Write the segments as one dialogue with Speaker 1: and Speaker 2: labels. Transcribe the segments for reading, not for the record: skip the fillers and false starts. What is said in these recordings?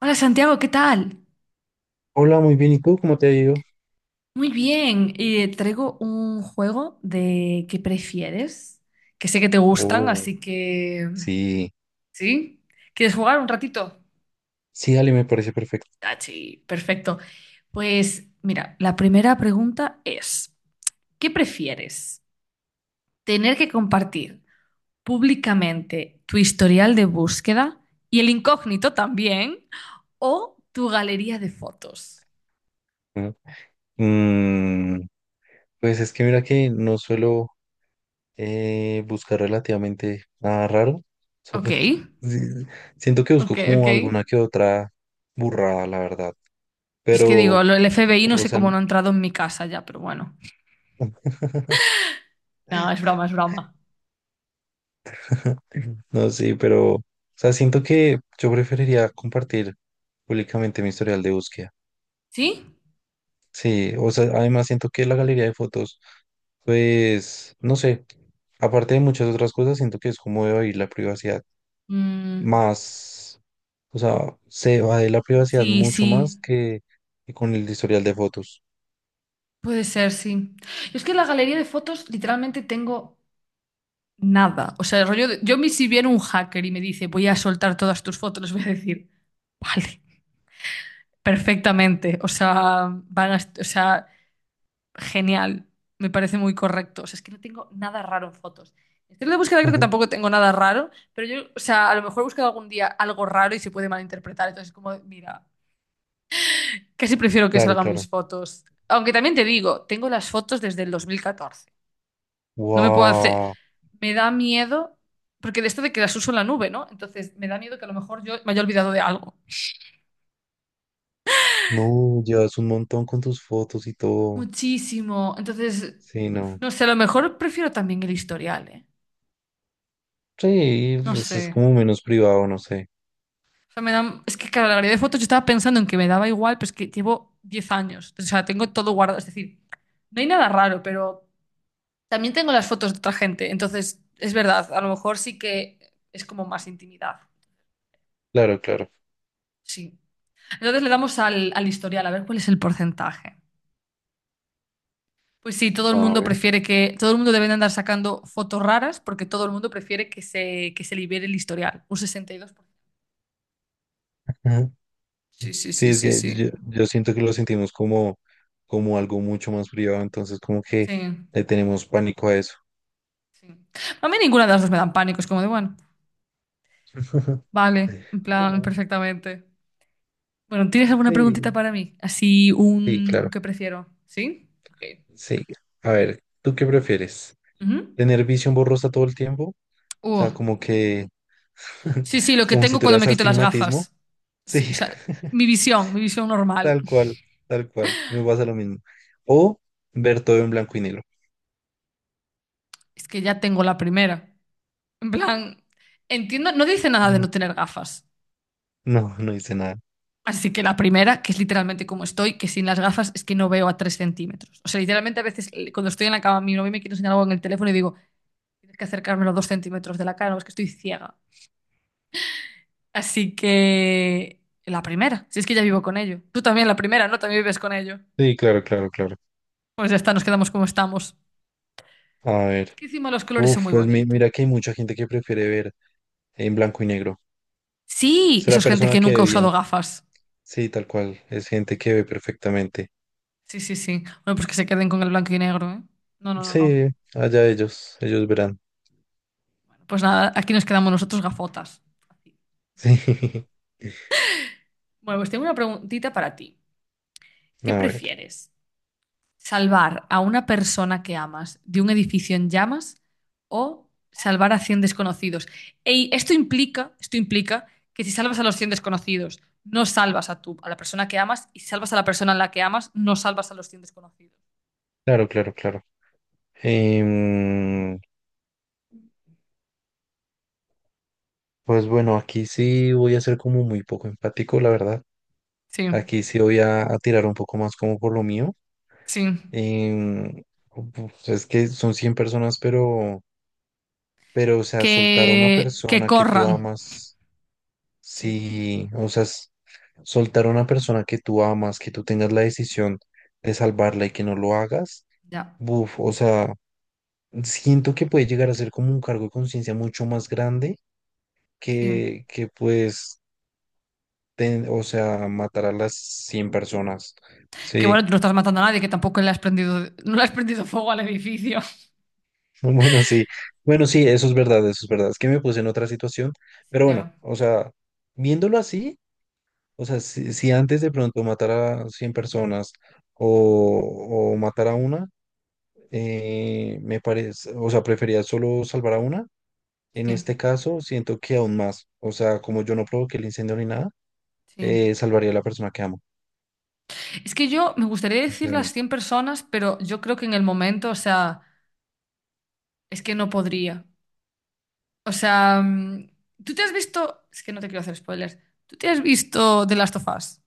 Speaker 1: Hola Santiago, ¿qué tal?
Speaker 2: Hola, muy bien. ¿Y tú cómo te ha ido?
Speaker 1: Muy bien, y traigo un juego de ¿qué prefieres? Que sé que te gustan,
Speaker 2: Oh,
Speaker 1: así que...
Speaker 2: sí.
Speaker 1: ¿Sí? ¿Quieres jugar un ratito?
Speaker 2: Sí, dale, me parece perfecto.
Speaker 1: Ah, sí, perfecto. Pues mira, la primera pregunta es, ¿qué prefieres? ¿Tener que compartir públicamente tu historial de búsqueda y el incógnito también, o tu galería de fotos?
Speaker 2: ¿No? Mm, pues es que mira que no suelo buscar relativamente nada raro. So,
Speaker 1: Ok,
Speaker 2: pues, sí, siento que
Speaker 1: ok,
Speaker 2: busco
Speaker 1: ok.
Speaker 2: como alguna que otra burrada, la verdad.
Speaker 1: Es que digo,
Speaker 2: Pero,
Speaker 1: el FBI no
Speaker 2: o
Speaker 1: sé
Speaker 2: sea,
Speaker 1: cómo no ha entrado en mi casa ya, pero bueno. Nada, es broma, es broma.
Speaker 2: no, sí, pero, o sea, siento que yo preferiría compartir públicamente mi historial de búsqueda.
Speaker 1: ¿Sí?
Speaker 2: Sí, o sea, además siento que la galería de fotos, pues, no sé, aparte de muchas otras cosas, siento que es como debe ir la privacidad
Speaker 1: Mm,
Speaker 2: más, o sea, se va de la privacidad
Speaker 1: sí,
Speaker 2: mucho
Speaker 1: sí.
Speaker 2: más que con el historial de fotos.
Speaker 1: Puede ser, sí. Yo es que en la galería de fotos literalmente tengo nada. O sea, el rollo de- yo me si viene un hacker y me dice, voy a soltar todas tus fotos, les voy a decir, vale, perfectamente. O sea, o sea, genial, me parece muy correcto. O sea, es que no tengo nada raro en fotos. En estilo de búsqueda creo que
Speaker 2: Ujú.
Speaker 1: tampoco tengo nada raro, pero yo, o sea, a lo mejor he buscado algún día algo raro y se puede malinterpretar. Entonces, como, mira, casi prefiero que
Speaker 2: Claro,
Speaker 1: salgan
Speaker 2: claro.
Speaker 1: mis fotos. Aunque también te digo, tengo las fotos desde el 2014. No me puedo hacer.
Speaker 2: Wow,
Speaker 1: Me da miedo, porque de esto de que las uso en la nube, ¿no? Entonces, me da miedo que a lo mejor yo me haya olvidado de algo.
Speaker 2: no, llevas un montón con tus fotos y todo.
Speaker 1: Muchísimo. Entonces,
Speaker 2: Sí, no.
Speaker 1: no sé, a lo mejor prefiero también el historial, ¿eh?
Speaker 2: Sí,
Speaker 1: No
Speaker 2: pues
Speaker 1: sé.
Speaker 2: es como menos privado, no sé.
Speaker 1: O sea, me dan es que, claro, la galería de fotos yo estaba pensando en que me daba igual, pero es que llevo 10 años. O sea, tengo todo guardado. Es decir, no hay nada raro, pero también tengo las fotos de otra gente. Entonces, es verdad, a lo mejor sí que es como más intimidad.
Speaker 2: Claro, claro.
Speaker 1: Sí. Entonces le damos al historial, a ver cuál es el porcentaje. Pues sí, todo el
Speaker 2: A
Speaker 1: mundo
Speaker 2: ver.
Speaker 1: prefiere que, todo el mundo debe de andar sacando fotos raras porque todo el mundo prefiere que se libere el historial. Un 62%. Sí, sí,
Speaker 2: Sí,
Speaker 1: sí,
Speaker 2: es
Speaker 1: sí,
Speaker 2: que
Speaker 1: sí.
Speaker 2: yo siento que lo sentimos como, como algo mucho más privado, entonces como que
Speaker 1: Sí,
Speaker 2: le tenemos pánico a eso.
Speaker 1: sí. A mí ninguna de las dos me dan pánico, es como de, bueno. Vale, en plan,
Speaker 2: Bueno,
Speaker 1: perfectamente. Bueno, ¿tienes alguna preguntita
Speaker 2: sí,
Speaker 1: para mí? Así
Speaker 2: sí,
Speaker 1: un
Speaker 2: claro.
Speaker 1: qué prefiero. ¿Sí? Ok.
Speaker 2: Sí. A ver, ¿tú qué prefieres?
Speaker 1: Ujú.
Speaker 2: ¿Tener visión borrosa todo el tiempo? O
Speaker 1: Uh,
Speaker 2: sea, como que,
Speaker 1: Sí, sí, lo que
Speaker 2: como si
Speaker 1: tengo cuando
Speaker 2: tuvieras
Speaker 1: me quito las
Speaker 2: astigmatismo.
Speaker 1: gafas.
Speaker 2: Sí,
Speaker 1: Sí, o sea, mi visión normal.
Speaker 2: tal cual, tal cual. Me pasa lo mismo. O ver todo en blanco y negro.
Speaker 1: Es que ya tengo la primera. En plan, entiendo, no dice nada de
Speaker 2: Mm,
Speaker 1: no tener gafas.
Speaker 2: no, no hice nada.
Speaker 1: Así que la primera, que es literalmente como estoy, que sin las gafas es que no veo a 3 centímetros. O sea, literalmente a veces cuando estoy en la cama, mi novio me quiere enseñar algo en el teléfono y digo, tienes que acercármelo 2 centímetros de la cara, o es que estoy ciega. Así que la primera, si es que ya vivo con ello. Tú también la primera, ¿no? También vives con ello.
Speaker 2: Sí, claro, claro, claro.
Speaker 1: Pues ya está, nos quedamos como estamos.
Speaker 2: A
Speaker 1: Es
Speaker 2: ver.
Speaker 1: que encima los colores son
Speaker 2: Uf,
Speaker 1: muy
Speaker 2: pues mi-
Speaker 1: bonitos.
Speaker 2: mira que hay mucha gente que prefiere ver en blanco y negro.
Speaker 1: Sí, eso
Speaker 2: Será
Speaker 1: es gente
Speaker 2: persona
Speaker 1: que
Speaker 2: que
Speaker 1: nunca
Speaker 2: ve
Speaker 1: ha usado
Speaker 2: bien.
Speaker 1: gafas.
Speaker 2: Sí, tal cual. Es gente que ve perfectamente.
Speaker 1: Sí, sí, sí. Bueno, pues que se queden con el blanco y negro, ¿eh? No, no, no, no.
Speaker 2: Sí, allá ellos. Ellos verán.
Speaker 1: Bueno, pues nada, aquí nos quedamos nosotros gafotas. Así. Bueno, pues tengo una preguntita para ti.
Speaker 2: Sí.
Speaker 1: ¿Qué
Speaker 2: A ver.
Speaker 1: prefieres? ¿Salvar a una persona que amas de un edificio en llamas o salvar a 100 desconocidos? Ey, esto implica que si salvas a los 100 desconocidos, no salvas a tú, a la persona que amas, y si salvas a la persona a la que amas, no salvas a los 100 desconocidos.
Speaker 2: Claro, claro, claro. Em, pues bueno, aquí sí voy a ser como muy poco empático, la verdad.
Speaker 1: Sí,
Speaker 2: Aquí sí voy a tirar un poco más como por lo mío.
Speaker 1: sí.
Speaker 2: Em, pues es que son 100 personas, pero, o sea, soltar a una
Speaker 1: Que
Speaker 2: persona que tú
Speaker 1: corran.
Speaker 2: amas.
Speaker 1: Sí,
Speaker 2: Sí, o sea, es- soltar a una persona que tú amas, que tú tengas la decisión de salvarla y que no lo hagas,
Speaker 1: ya.
Speaker 2: buf, o sea, siento que puede llegar a ser como un cargo de conciencia mucho más grande
Speaker 1: Sí.
Speaker 2: que pues, ten- o sea, matar a las 100 personas.
Speaker 1: Que
Speaker 2: Sí,
Speaker 1: bueno, tú no estás matando a nadie, que tampoco le has prendido, no le has prendido fuego al edificio.
Speaker 2: bueno, sí, bueno, sí, eso es verdad, eso es verdad. Es que me puse en otra situación,
Speaker 1: Sí,
Speaker 2: pero bueno,
Speaker 1: claro.
Speaker 2: o sea, viéndolo así. O sea, si, si antes de pronto matara a 100 personas o matar a una, me parece, o sea, prefería solo salvar a una.
Speaker 1: Sí,
Speaker 2: En este caso, siento que aún más. O sea, como yo no provoqué el incendio ni nada,
Speaker 1: sí.
Speaker 2: salvaría a la persona que amo,
Speaker 1: Es que yo me gustaría decir las
Speaker 2: sinceramente.
Speaker 1: 100 personas, pero yo creo que en el momento, o sea, es que no podría. O sea, tú te has visto, es que no te quiero hacer spoilers, tú te has visto The Last of Us,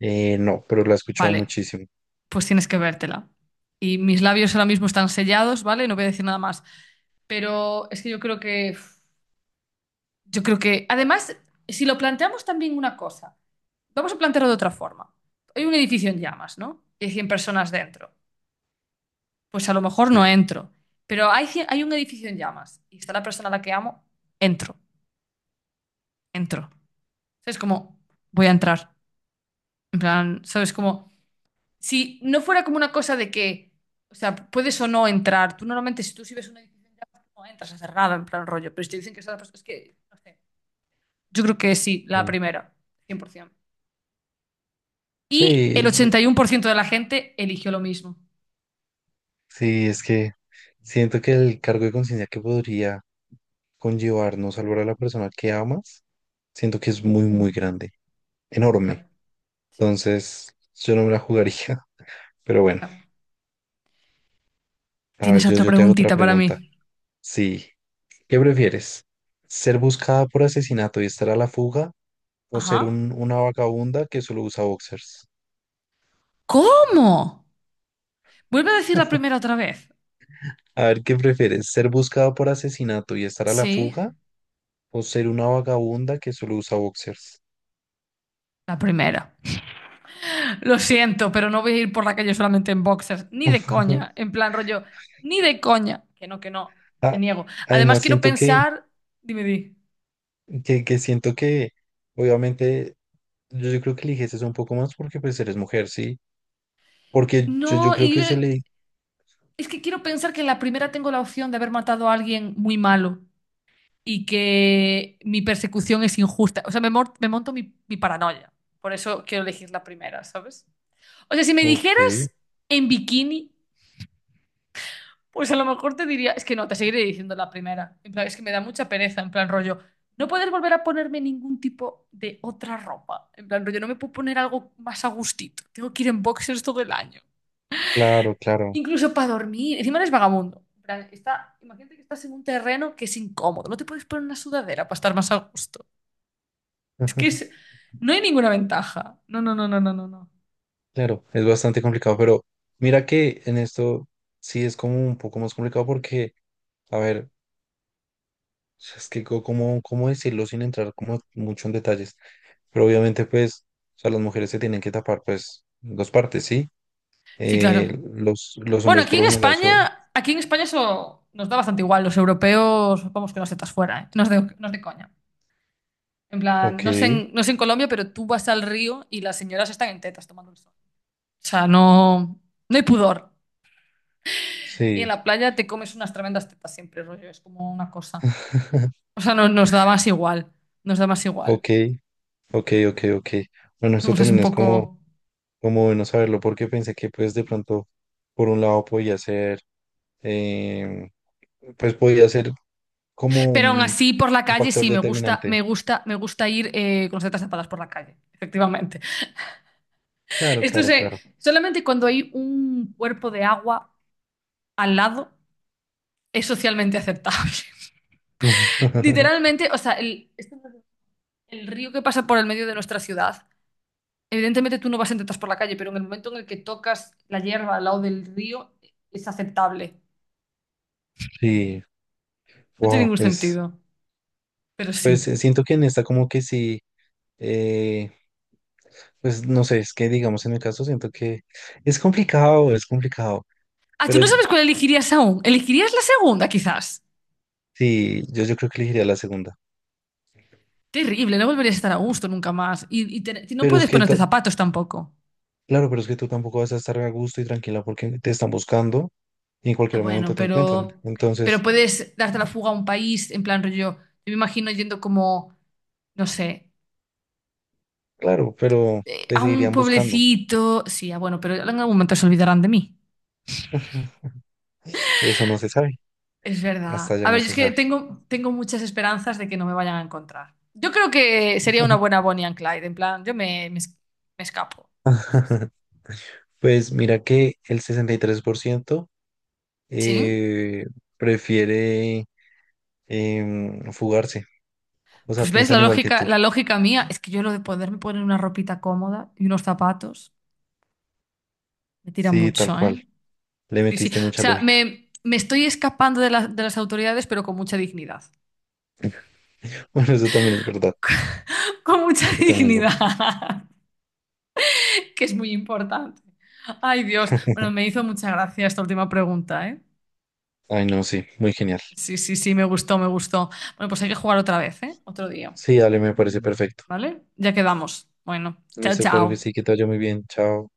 Speaker 2: No, pero la he escuchado
Speaker 1: vale,
Speaker 2: muchísimo.
Speaker 1: pues tienes que vértela. Y mis labios ahora mismo están sellados, ¿vale? No voy a decir nada más. Pero es que yo creo que, además, si lo planteamos también una cosa, vamos a plantearlo de otra forma. Hay un edificio en llamas, ¿no? Y hay 100 personas dentro. Pues a lo mejor no
Speaker 2: Sí,
Speaker 1: entro. Pero hay un edificio en llamas y está la persona a la que amo, entro, entro. Es como, voy a entrar. En plan, ¿sabes? Como, si no fuera como una cosa de que, o sea, puedes o no entrar. Tú normalmente, si ves un edificio en llamas, no entras a cerrada, en plan rollo. Pero si te dicen que está la persona, es que, no sé. Yo creo que sí, la
Speaker 2: sí.
Speaker 1: primera, 100%. Y el
Speaker 2: Sí,
Speaker 1: 81% de la gente eligió lo mismo.
Speaker 2: sí, es que siento que el cargo de conciencia que podría conllevar no salvar a la persona que amas, siento que es muy, muy
Speaker 1: Mm.
Speaker 2: grande, enorme.
Speaker 1: Ya, sí,
Speaker 2: Entonces, yo no me la jugaría. Pero bueno,
Speaker 1: ya.
Speaker 2: a ver,
Speaker 1: ¿Tienes
Speaker 2: yo,
Speaker 1: otra
Speaker 2: yo te hago otra
Speaker 1: preguntita para
Speaker 2: pregunta.
Speaker 1: mí?
Speaker 2: Sí, ¿qué prefieres? ¿Ser buscada por asesinato y estar a la fuga o ser
Speaker 1: Ajá.
Speaker 2: un- una vagabunda que solo usa boxers?
Speaker 1: ¿Cómo? Vuelve a decir la primera otra vez.
Speaker 2: A ver, ¿qué prefieres? ¿Ser buscada por asesinato y estar a la
Speaker 1: Sí.
Speaker 2: fuga o ser una vagabunda que solo usa boxers?
Speaker 1: La primera. Lo siento, pero no voy a ir por la calle solamente en boxers. Ni de
Speaker 2: Ujú.
Speaker 1: coña. En plan rollo. Ni de coña. Que no, que no. Me
Speaker 2: Ah,
Speaker 1: niego. Además,
Speaker 2: además,
Speaker 1: quiero
Speaker 2: siento
Speaker 1: pensar. Dime, di.
Speaker 2: que siento que, obviamente, yo creo que eliges eso un poco más porque pues eres mujer, ¿sí? Porque yo,
Speaker 1: No,
Speaker 2: yo creo
Speaker 1: y
Speaker 2: que se le...
Speaker 1: es que quiero pensar que en la primera tengo la opción de haber matado a alguien muy malo y que mi persecución es injusta. O sea, me monto mi paranoia. Por eso quiero elegir la primera, ¿sabes? O sea, si me
Speaker 2: Ok.
Speaker 1: dijeras en bikini. Pues a lo mejor te diría, es que no, te seguiré diciendo la primera. En plan, es que me da mucha pereza, en plan rollo. No poder volver a ponerme ningún tipo de otra ropa. En plan rollo, no me puedo poner algo más a gustito. Tengo que ir en boxers todo el año.
Speaker 2: Claro, claro.
Speaker 1: Incluso para dormir. Encima eres vagabundo. En plan, imagínate que estás en un terreno que es incómodo. No te puedes poner una sudadera para estar más a gusto. Es que
Speaker 2: Ajá,
Speaker 1: es- no hay ninguna ventaja. No, no, no, no, no, no, no.
Speaker 2: claro, es bastante complicado, pero mira que en esto sí es como un poco más complicado porque, a ver, es que co- cómo, cómo decirlo sin entrar como mucho en detalles, pero obviamente pues, o sea, las mujeres se tienen que tapar pues dos partes, ¿sí?
Speaker 1: Sí, claro.
Speaker 2: Los
Speaker 1: Bueno,
Speaker 2: hombres
Speaker 1: aquí
Speaker 2: por
Speaker 1: en
Speaker 2: lo general
Speaker 1: España,
Speaker 2: son,
Speaker 1: aquí en España eso nos da bastante igual. Los europeos, vamos que no setas fuera, ¿eh? No es de coña. En plan,
Speaker 2: ok,
Speaker 1: no sé en Colombia, pero tú vas al río y las señoras están en tetas tomando el sol. O sea, no, no hay pudor. Y en
Speaker 2: sí,
Speaker 1: la playa te comes unas tremendas tetas siempre, rollo. Es como una cosa. O sea, nos da más igual. Nos da más igual.
Speaker 2: ok, ok, ok, ok. Bueno,
Speaker 1: O
Speaker 2: esto
Speaker 1: sea, es
Speaker 2: también
Speaker 1: un
Speaker 2: es como,
Speaker 1: poco.
Speaker 2: como bueno saberlo porque pensé que pues de pronto por un lado podía ser eh, pues podía ser como
Speaker 1: Pero aún así, por la
Speaker 2: un
Speaker 1: calle
Speaker 2: factor
Speaker 1: sí, me gusta, me
Speaker 2: determinante.
Speaker 1: gusta, me gusta ir con las tetas tapadas por la calle, efectivamente.
Speaker 2: Claro,
Speaker 1: Esto
Speaker 2: claro,
Speaker 1: se,
Speaker 2: claro.
Speaker 1: solamente cuando hay un cuerpo de agua al lado es socialmente aceptable. Literalmente, o sea, el río que pasa por el medio de nuestra ciudad, evidentemente tú no vas en tetas por la calle, pero en el momento en el que tocas la hierba al lado del río es aceptable.
Speaker 2: Sí,
Speaker 1: No tiene
Speaker 2: wow,
Speaker 1: ningún
Speaker 2: pues,
Speaker 1: sentido, pero
Speaker 2: pues
Speaker 1: sí.
Speaker 2: siento que en esta como que sí, eh, pues no sé, es que digamos en el caso siento que es complicado,
Speaker 1: Ah, tú
Speaker 2: pero
Speaker 1: no
Speaker 2: yo-
Speaker 1: sabes cuál elegirías aún. ¿Elegirías la segunda, quizás?
Speaker 2: sí, yo creo que elegiría la segunda.
Speaker 1: Terrible, no volverías a estar a gusto nunca más. Y y no
Speaker 2: Pero es
Speaker 1: puedes
Speaker 2: que,
Speaker 1: ponerte
Speaker 2: ta-
Speaker 1: zapatos tampoco.
Speaker 2: claro, pero es que tú tampoco vas a estar a gusto y tranquila porque te están buscando y en
Speaker 1: Ah,
Speaker 2: cualquier
Speaker 1: bueno,
Speaker 2: momento te encuentran.
Speaker 1: pero
Speaker 2: Entonces,
Speaker 1: puedes darte la fuga a un país, en plan rollo, yo me imagino yendo como, no sé,
Speaker 2: claro, pero te
Speaker 1: a un
Speaker 2: seguirían buscando.
Speaker 1: pueblecito. Sí, ah, bueno, pero en algún momento se olvidarán de mí.
Speaker 2: Eso no se sabe,
Speaker 1: Es verdad.
Speaker 2: hasta ya
Speaker 1: A
Speaker 2: no
Speaker 1: ver, yo
Speaker 2: se
Speaker 1: es que
Speaker 2: sabe.
Speaker 1: tengo muchas esperanzas de que no me vayan a encontrar. Yo creo que sería una buena Bonnie and Clyde, en plan, yo me, me, es- me escapo. Sí, sí.
Speaker 2: Pues mira que el 63%
Speaker 1: Sí.
Speaker 2: eh, prefiere fugarse, o sea,
Speaker 1: Pues ves, la
Speaker 2: piensan igual que
Speaker 1: lógica,
Speaker 2: tú.
Speaker 1: la lógica mía es que yo lo de poderme poner una ropita cómoda y unos zapatos me tira
Speaker 2: Sí, tal
Speaker 1: mucho, ¿eh?
Speaker 2: cual, le
Speaker 1: Sí, sí.
Speaker 2: metiste
Speaker 1: O
Speaker 2: mucha
Speaker 1: sea,
Speaker 2: lógica.
Speaker 1: me estoy escapando de las autoridades, pero con mucha dignidad.
Speaker 2: Bueno, eso también es verdad,
Speaker 1: Con mucha
Speaker 2: eso también es verdad.
Speaker 1: dignidad, que es muy importante. Ay, Dios. Bueno, me hizo mucha gracia esta última pregunta, ¿eh?
Speaker 2: Ay, no, sí, muy genial.
Speaker 1: Sí, sí, sí, me gustó, me gustó. Bueno, pues hay que jugar otra vez, ¿eh? Otro día,
Speaker 2: Sí, dale, me parece perfecto.
Speaker 1: ¿vale? Ya quedamos. Bueno, chao,
Speaker 2: Listo, claro que
Speaker 1: chao.
Speaker 2: sí, que te vaya muy bien, chao.